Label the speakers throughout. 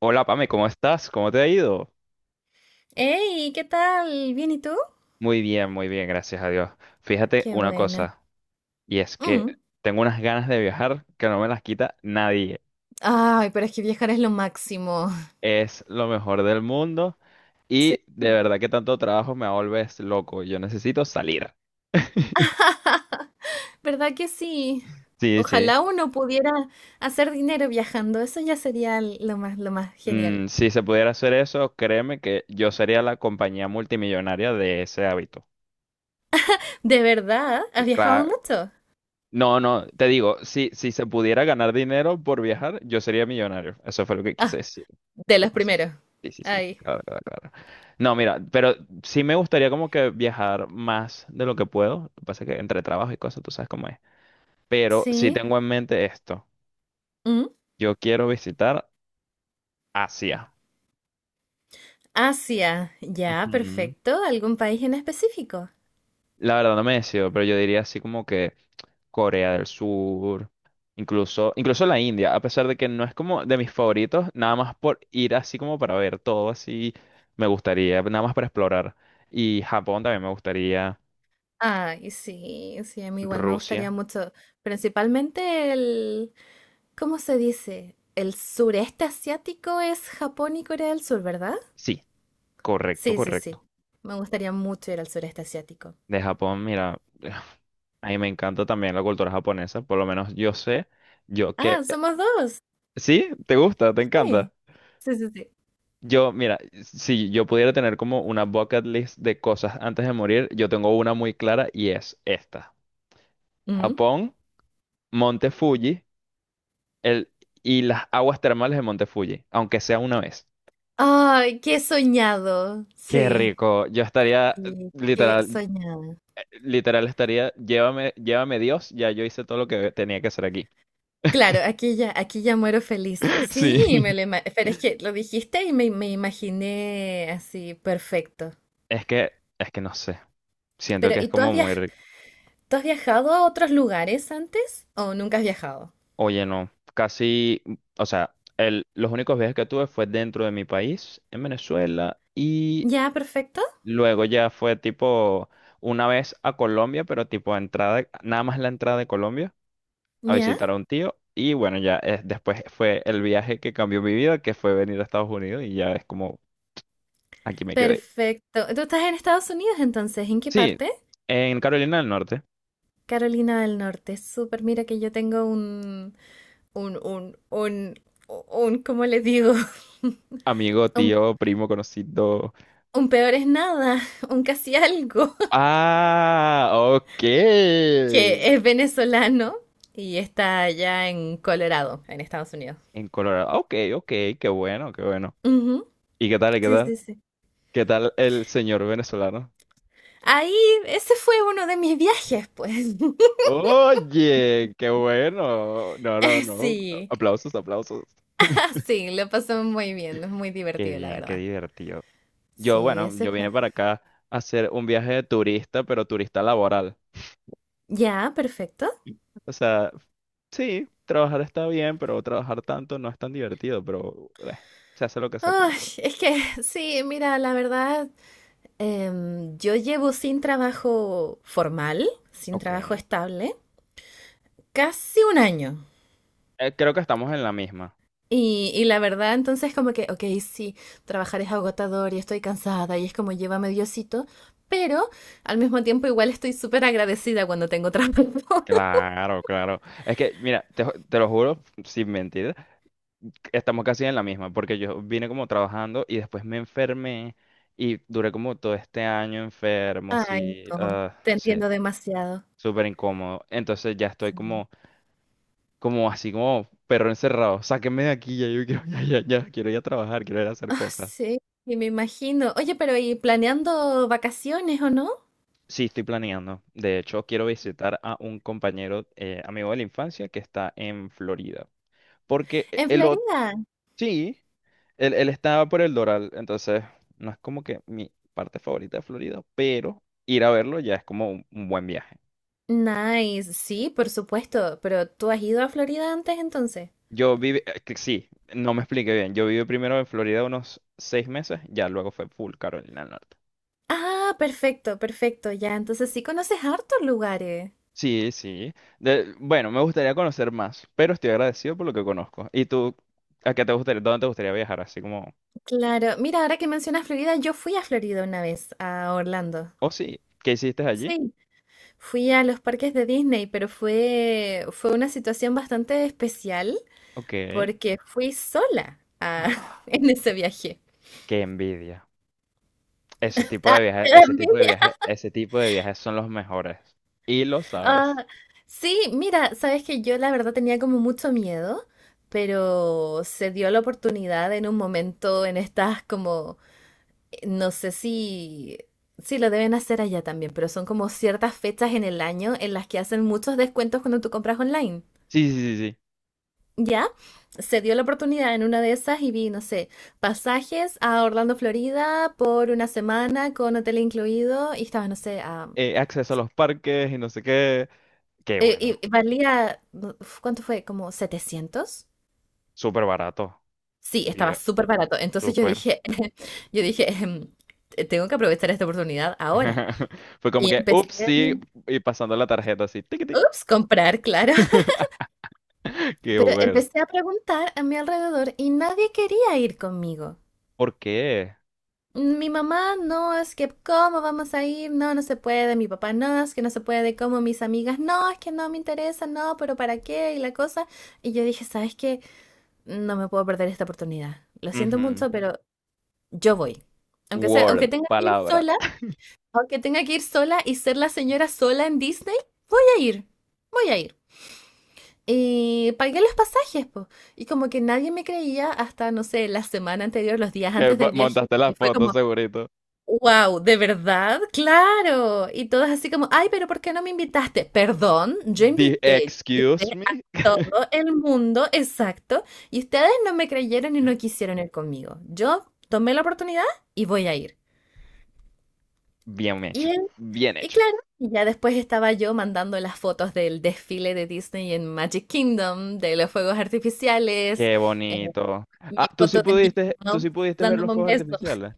Speaker 1: Hola Pame, ¿cómo estás? ¿Cómo te ha ido?
Speaker 2: Hey, ¿qué tal? ¿Bien y tú?
Speaker 1: Muy bien, gracias a Dios. Fíjate
Speaker 2: Qué
Speaker 1: una
Speaker 2: bueno.
Speaker 1: cosa, y es que
Speaker 2: Mm.
Speaker 1: tengo unas ganas de viajar que no me las quita nadie.
Speaker 2: Ay, pero es que viajar es lo máximo.
Speaker 1: Es lo mejor del mundo
Speaker 2: Sí.
Speaker 1: y de verdad que tanto trabajo me vuelves loco. Yo necesito salir.
Speaker 2: ¿Verdad que sí?
Speaker 1: Sí, sí.
Speaker 2: Ojalá uno pudiera hacer dinero viajando. Eso ya sería lo más genial.
Speaker 1: Si se pudiera hacer eso, créeme que yo sería la compañía multimillonaria de ese hábito.
Speaker 2: ¿De verdad?
Speaker 1: Que
Speaker 2: ¿Has viajado
Speaker 1: cla-
Speaker 2: mucho?
Speaker 1: No, no, te digo, si se pudiera ganar dinero por viajar, yo sería millonario. Eso fue lo que quise
Speaker 2: Ah,
Speaker 1: decir.
Speaker 2: de
Speaker 1: Lo
Speaker 2: los
Speaker 1: paso.
Speaker 2: primeros.
Speaker 1: Sí, sí, sí,
Speaker 2: Ay.
Speaker 1: claro, claro, claro. No, mira, pero sí me gustaría como que viajar más de lo que puedo. Lo que pasa es que entre trabajo y cosas, tú sabes cómo es. Pero sí
Speaker 2: Sí.
Speaker 1: tengo en mente esto.
Speaker 2: Mm.
Speaker 1: Yo quiero visitar Asia.
Speaker 2: Asia. Ya,
Speaker 1: Ujú.
Speaker 2: perfecto. ¿Algún país en específico?
Speaker 1: La verdad no me decido, pero yo diría así como que Corea del Sur, incluso la India, a pesar de que no es como de mis favoritos, nada más por ir así como para ver todo así, me gustaría, nada más para explorar. Y Japón también me gustaría,
Speaker 2: Ay, sí, sí, a mí igual me gustaría
Speaker 1: Rusia.
Speaker 2: mucho. Principalmente el, ¿cómo se dice? El sureste asiático es Japón y Corea del Sur, ¿verdad?
Speaker 1: Sí, Correcto,
Speaker 2: Sí, sí, sí.
Speaker 1: correcto.
Speaker 2: Me gustaría mucho ir al sureste asiático.
Speaker 1: De Japón, mira, a mí me encanta también la cultura japonesa, por lo menos yo sé, yo
Speaker 2: Ah,
Speaker 1: que...
Speaker 2: somos dos.
Speaker 1: ¿Sí? ¿Te gusta? ¿Te
Speaker 2: Sí,
Speaker 1: encanta?
Speaker 2: sí, sí, sí.
Speaker 1: Yo, mira, si yo pudiera tener como una bucket list de cosas antes de morir, yo tengo una muy clara y es esta.
Speaker 2: Mm.
Speaker 1: Japón, Monte Fuji, el, y las aguas termales de Monte Fuji, aunque sea una vez.
Speaker 2: Ay, qué soñado.
Speaker 1: Qué
Speaker 2: Sí.
Speaker 1: rico. Yo estaría,
Speaker 2: Y qué
Speaker 1: literal,
Speaker 2: soñado.
Speaker 1: literal, estaría, llévame, llévame Dios, ya yo hice todo lo que tenía que hacer aquí.
Speaker 2: Claro, aquí ya muero feliz. Sí, me
Speaker 1: Sí.
Speaker 2: lo pero es que lo dijiste y me imaginé así, perfecto.
Speaker 1: Es que, es que no sé. Siento
Speaker 2: Pero,
Speaker 1: que es
Speaker 2: ¿y
Speaker 1: como muy... re-
Speaker 2: tú has viajado a otros lugares antes? ¿O nunca has viajado?
Speaker 1: Oye, no. Casi, o sea, los únicos viajes que tuve fue dentro de mi país, en Venezuela, y
Speaker 2: Ya, perfecto.
Speaker 1: luego ya fue tipo una vez a Colombia, pero tipo entrada, nada más la entrada de Colombia a
Speaker 2: Ya.
Speaker 1: visitar a un tío. Y bueno, ya, después fue el viaje que cambió mi vida, que fue venir a Estados Unidos y ya es como, aquí me quedé.
Speaker 2: Perfecto. ¿Tú estás en Estados Unidos entonces? ¿En qué
Speaker 1: Sí,
Speaker 2: parte?
Speaker 1: en Carolina del Norte,
Speaker 2: Carolina del Norte. Súper, mira que yo tengo un, un, un, un, ¿cómo les digo?
Speaker 1: amigo,
Speaker 2: Un,
Speaker 1: tío, primo, conocido.
Speaker 2: un peor es nada, un casi algo,
Speaker 1: Ah, ok.
Speaker 2: que es venezolano y está allá en Colorado, en Estados Unidos.
Speaker 1: En Colorado. Ok, ok, qué bueno, qué bueno.
Speaker 2: Ujú,
Speaker 1: ¿Y qué tal, qué
Speaker 2: sí,
Speaker 1: tal?
Speaker 2: sí, sí.
Speaker 1: ¿Qué tal el señor venezolano?
Speaker 2: Ahí, ese fue uno de mis viajes, pues.
Speaker 1: Oye, qué bueno. No, no, no.
Speaker 2: Sí,
Speaker 1: Aplausos, aplausos.
Speaker 2: sí, lo pasó muy bien, es muy
Speaker 1: Qué
Speaker 2: divertido, la
Speaker 1: bien, qué
Speaker 2: verdad.
Speaker 1: divertido. Yo,
Speaker 2: Sí,
Speaker 1: bueno,
Speaker 2: ese
Speaker 1: yo vine
Speaker 2: fue.
Speaker 1: para acá a hacer un viaje de turista, pero turista laboral.
Speaker 2: Ya, perfecto.
Speaker 1: O sea, sí, trabajar está bien, pero trabajar tanto no es tan divertido, pero se hace lo que se puede.
Speaker 2: Ay, es que sí, mira, la verdad, yo llevo sin trabajo formal, sin
Speaker 1: Ok.
Speaker 2: trabajo estable, casi un año.
Speaker 1: Creo que estamos en la misma.
Speaker 2: Y la verdad, entonces como que, ok, sí, trabajar es agotador y estoy cansada y es como llévame Diosito, pero al mismo tiempo igual estoy súper agradecida cuando tengo trabajo.
Speaker 1: Claro, claro. Es que, mira, te lo juro, sin mentir, estamos casi en la misma, porque yo vine como trabajando y después me enfermé y duré como todo este año enfermo,
Speaker 2: Ay,
Speaker 1: así,
Speaker 2: no, te
Speaker 1: sí,
Speaker 2: entiendo demasiado.
Speaker 1: súper incómodo. Entonces ya estoy
Speaker 2: Sí.
Speaker 1: como, así como perro encerrado, sáquenme de aquí, ya yo quiero, ya, ya, ya, quiero ir a trabajar, quiero ir a hacer
Speaker 2: Ah,
Speaker 1: cosas.
Speaker 2: sí, y me imagino. Oye, pero ¿y planeando vacaciones o no?
Speaker 1: Sí, estoy planeando. De hecho, quiero visitar a un compañero, amigo de la infancia que está en Florida, porque
Speaker 2: ¿En
Speaker 1: el otro...
Speaker 2: Florida?
Speaker 1: Sí, Él estaba por el Doral, entonces no es como que mi parte favorita de Florida, pero ir a verlo ya es como un buen viaje.
Speaker 2: Nice, sí, por supuesto, pero ¿tú has ido a Florida antes entonces?
Speaker 1: Yo viví, que sí, no me expliqué bien. Yo viví primero en Florida unos 6 meses, ya luego fue full Carolina del Norte.
Speaker 2: Ah, perfecto, perfecto, ya, entonces sí conoces hartos lugares.
Speaker 1: Sí, sí. Bueno, me gustaría conocer más, pero estoy agradecido por lo que conozco. ¿Y tú, a qué te gustaría, dónde te gustaría viajar? Así como,
Speaker 2: Claro, mira, ahora que mencionas Florida, yo fui a Florida una vez, a Orlando.
Speaker 1: oh sí, ¿qué hiciste allí?
Speaker 2: Sí, fui a los parques de Disney, pero fue una situación bastante especial
Speaker 1: Ok.
Speaker 2: porque fui sola en ese viaje.
Speaker 1: ¡Qué envidia! Ese tipo de viajes, ese tipo de viajes, ese tipo de viajes son los mejores. Y lo
Speaker 2: Ah,
Speaker 1: sabes.
Speaker 2: sí, mira, sabes que yo la verdad tenía como mucho miedo, pero se dio la oportunidad en un momento en estas como, no sé si lo deben hacer allá también, pero son como ciertas fechas en el año en las que hacen muchos descuentos cuando tú compras online.
Speaker 1: Sí, sí, sí, sí.
Speaker 2: Ya, se dio la oportunidad en una de esas y vi, no sé, pasajes a Orlando, Florida por una semana con hotel incluido y estaba, no sé, a...
Speaker 1: Acceso a los parques y no sé qué. Qué bueno.
Speaker 2: Y, valía, ¿cuánto fue? ¿Como 700?
Speaker 1: Súper barato.
Speaker 2: Sí, estaba
Speaker 1: Dive-
Speaker 2: súper barato. Entonces yo
Speaker 1: Súper.
Speaker 2: dije, yo dije, "Tengo que aprovechar esta oportunidad ahora.
Speaker 1: Fue como
Speaker 2: Y
Speaker 1: que,
Speaker 2: empecé,
Speaker 1: ups, sí, y pasando la tarjeta así. Tiquití.
Speaker 2: ups, comprar, claro.
Speaker 1: Qué
Speaker 2: Pero
Speaker 1: bueno.
Speaker 2: empecé a preguntar a mi alrededor y nadie quería ir conmigo.
Speaker 1: ¿Por qué?
Speaker 2: Mi mamá, no, es que, ¿cómo vamos a ir? No, no se puede. Mi papá, no, es que no se puede. Como mis amigas, no, es que no me interesa, no, pero ¿para qué? Y la cosa. Y yo dije, ¿sabes qué? No me puedo perder esta oportunidad. Lo siento
Speaker 1: Ujú.
Speaker 2: mucho, pero yo voy. Aunque sea, aunque
Speaker 1: Word,
Speaker 2: tenga que ir
Speaker 1: palabra.
Speaker 2: sola, aunque tenga que ir sola y ser la señora sola en Disney, voy a ir, voy a ir. Y pagué los pasajes, po. Y como que nadie me creía hasta, no sé, la semana anterior, los días
Speaker 1: Que
Speaker 2: antes
Speaker 1: mo-
Speaker 2: del viaje,
Speaker 1: montaste la
Speaker 2: que fue
Speaker 1: foto,
Speaker 2: como,
Speaker 1: segurito.
Speaker 2: wow, ¿de verdad? Claro. Y todas así como, ay, pero ¿por qué no me invitaste? Perdón, yo invité, yo
Speaker 1: Excuse
Speaker 2: invité a
Speaker 1: me.
Speaker 2: todo el mundo, exacto. Y ustedes no me creyeron y no quisieron ir conmigo. Yo tomé la oportunidad y voy a ir.
Speaker 1: Bien hecho.
Speaker 2: Y, él-
Speaker 1: Bien
Speaker 2: y
Speaker 1: hecho.
Speaker 2: claro, y ya después estaba yo mandando las fotos del desfile de Disney en Magic Kingdom, de los fuegos artificiales,
Speaker 1: Qué
Speaker 2: eh,
Speaker 1: bonito.
Speaker 2: mi
Speaker 1: Ah,
Speaker 2: foto de Mickey
Speaker 1: tú sí
Speaker 2: Mouse
Speaker 1: pudiste ver los
Speaker 2: dándome un
Speaker 1: fuegos
Speaker 2: beso.
Speaker 1: artificiales.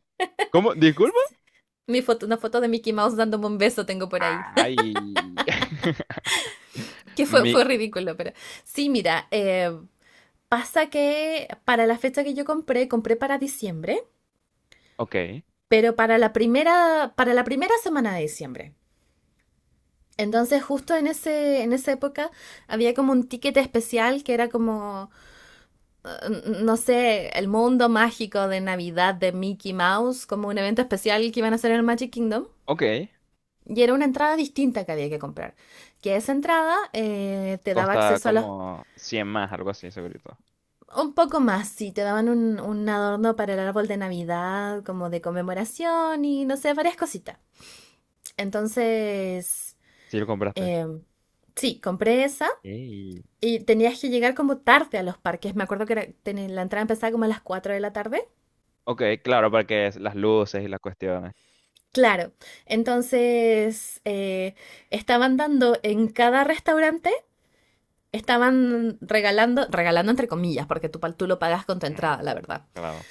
Speaker 1: ¿Cómo? ¿Disculpa?
Speaker 2: Mi foto, una foto de Mickey Mouse dándome un beso tengo por ahí.
Speaker 1: Ay.
Speaker 2: Que fue,
Speaker 1: Mi,
Speaker 2: fue ridículo, pero sí, mira, pasa que para la fecha que yo compré para diciembre,
Speaker 1: ok,
Speaker 2: pero para la primera semana de diciembre. Entonces, justo en ese, en esa época había como un ticket especial que era como, no sé, el mundo mágico de Navidad de Mickey Mouse, como un evento especial que iban a hacer en el Magic Kingdom.
Speaker 1: ok.
Speaker 2: Y era una entrada distinta que había que comprar. Que esa entrada te daba
Speaker 1: Costa
Speaker 2: acceso a los...
Speaker 1: como 100 más, algo así, segurito.
Speaker 2: Un poco más, sí, te daban un adorno para el árbol de Navidad, como de conmemoración y no sé, varias cositas. Entonces,
Speaker 1: Si lo compraste.
Speaker 2: eh, sí, compré esa.
Speaker 1: Ey.
Speaker 2: Y tenías que llegar como tarde a los parques. Me acuerdo que la entrada empezaba como a las 4 de la tarde.
Speaker 1: Ok, claro, porque es las luces y las cuestiones.
Speaker 2: Claro. Entonces, estaban dando en cada restaurante, estaban regalando, regalando entre comillas, porque tú lo pagas con tu
Speaker 1: Mm,
Speaker 2: entrada, la verdad.
Speaker 1: claro,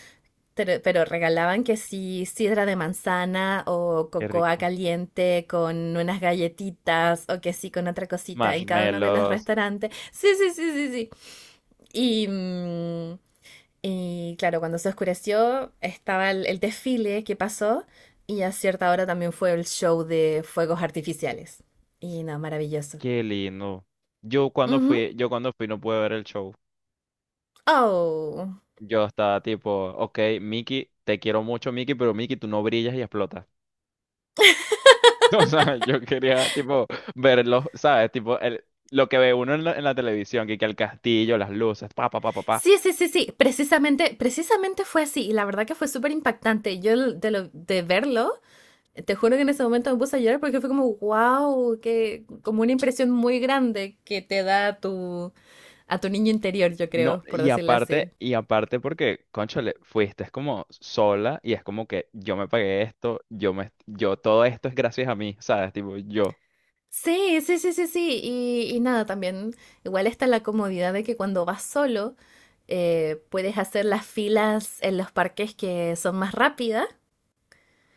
Speaker 2: Pero regalaban que sí sidra de manzana o
Speaker 1: qué
Speaker 2: cocoa
Speaker 1: rico.
Speaker 2: caliente con unas galletitas o que sí con otra cosita en cada uno de los
Speaker 1: Marshmallows,
Speaker 2: restaurantes. Sí, sí, sí, sí, sí. Y, mm, Y claro, cuando se oscureció estaba el desfile que pasó y a cierta hora también fue el show de fuegos artificiales. Y no, maravilloso.
Speaker 1: qué lindo.
Speaker 2: Ujú.
Speaker 1: Yo cuando fui no pude ver el show.
Speaker 2: Oh.
Speaker 1: Yo estaba tipo, ok, Mickey, te quiero mucho, Mickey, pero Mickey, tú no brillas y explotas. O sea, yo quería, tipo, verlos, ¿sabes? Tipo, lo que ve uno en la, televisión, que el castillo, las luces, pa, pa, pa, pa, pa.
Speaker 2: Sí, sí, sí, sí, precisamente, precisamente fue así y la verdad que fue súper impactante. Yo l- de, lo- de verlo, te juro que en ese momento me puse a llorar porque fue como, wow, que como una impresión muy grande que te da a tu niño interior, yo
Speaker 1: No,
Speaker 2: creo, por
Speaker 1: y
Speaker 2: decirlo
Speaker 1: aparte,
Speaker 2: así.
Speaker 1: y aparte porque, cónchale, fuiste es como sola y es como que yo me pagué esto, todo esto es gracias a mí, ¿sabes? Tipo,
Speaker 2: Sí, sí, sí, sí, sí. Y nada, también igual está la comodidad de que cuando vas solo puedes hacer las filas en los parques que son más rápidas.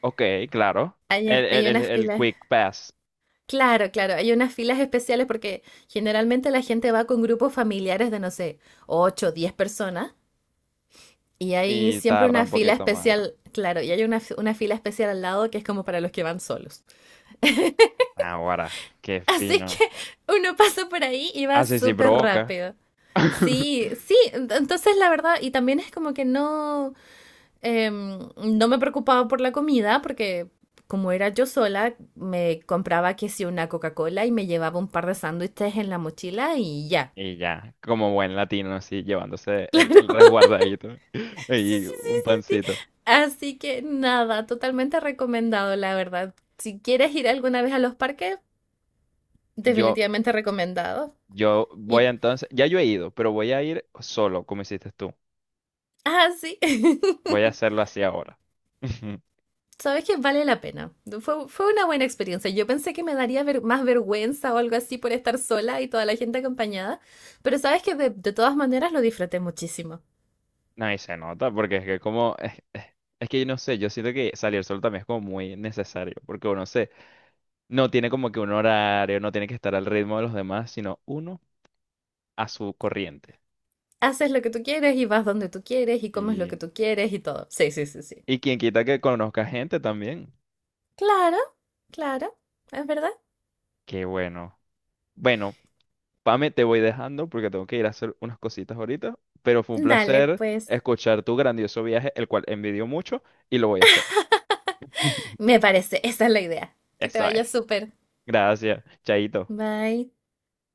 Speaker 1: ok, claro. El,
Speaker 2: Hay,
Speaker 1: el,
Speaker 2: hay
Speaker 1: el,
Speaker 2: unas
Speaker 1: el
Speaker 2: filas,
Speaker 1: quick pass
Speaker 2: claro, claro, hay unas filas especiales porque generalmente la gente va con grupos familiares de, no sé, 8, o 10 personas y hay
Speaker 1: y
Speaker 2: siempre
Speaker 1: tarda
Speaker 2: una
Speaker 1: un
Speaker 2: fila
Speaker 1: poquito más.
Speaker 2: especial, claro, y hay una fila especial al lado que es como para los que van solos.
Speaker 1: Ahora, qué
Speaker 2: Así
Speaker 1: fino.
Speaker 2: que uno pasa por ahí y va
Speaker 1: Ah, sí, sí,
Speaker 2: súper
Speaker 1: provoca.
Speaker 2: rápido. Sí, sí, entonces la verdad, y también es como que no, no me preocupaba por la comida, porque como era yo sola, me compraba que sí una Coca-Cola y me llevaba un par de sándwiches en la mochila y ya.
Speaker 1: Y ya, como buen latino, así, llevándose el resguardadito
Speaker 2: Sí, sí,
Speaker 1: y
Speaker 2: sí,
Speaker 1: un
Speaker 2: sí, sí.
Speaker 1: pancito.
Speaker 2: Así que nada, totalmente recomendado, la verdad. Si quieres ir alguna vez a los parques,
Speaker 1: Yo,
Speaker 2: definitivamente recomendado.
Speaker 1: yo voy
Speaker 2: Y,
Speaker 1: entonces, ya yo he ido, pero voy a ir solo, como hiciste tú.
Speaker 2: sí.
Speaker 1: Voy a hacerlo así ahora.
Speaker 2: Sabes que vale la pena. Fue una buena experiencia. Yo pensé que me daría más vergüenza o algo así por estar sola y toda la gente acompañada, pero sabes que de todas maneras lo disfruté muchísimo.
Speaker 1: No, y se nota, porque es que como, es que yo no sé, yo siento que salir solo también es como muy necesario, porque no tiene como que un horario, no tiene que estar al ritmo de los demás, sino uno a su corriente.
Speaker 2: Haces lo que tú quieres y vas donde tú quieres y comes lo que
Speaker 1: Y,
Speaker 2: tú quieres y todo. Sí, sí, sí, sí.
Speaker 1: y quien quita que conozca gente también.
Speaker 2: Claro, claro, es verdad.
Speaker 1: Qué bueno. Bueno. Pame, te voy dejando porque tengo que ir a hacer unas cositas ahorita, pero fue un
Speaker 2: Dale,
Speaker 1: placer
Speaker 2: pues.
Speaker 1: escuchar tu grandioso viaje, el cual envidio mucho y lo voy a hacer.
Speaker 2: Me parece, esa es la idea. Que te
Speaker 1: Eso
Speaker 2: vaya
Speaker 1: es.
Speaker 2: súper.
Speaker 1: Gracias. Chaito.
Speaker 2: Bye.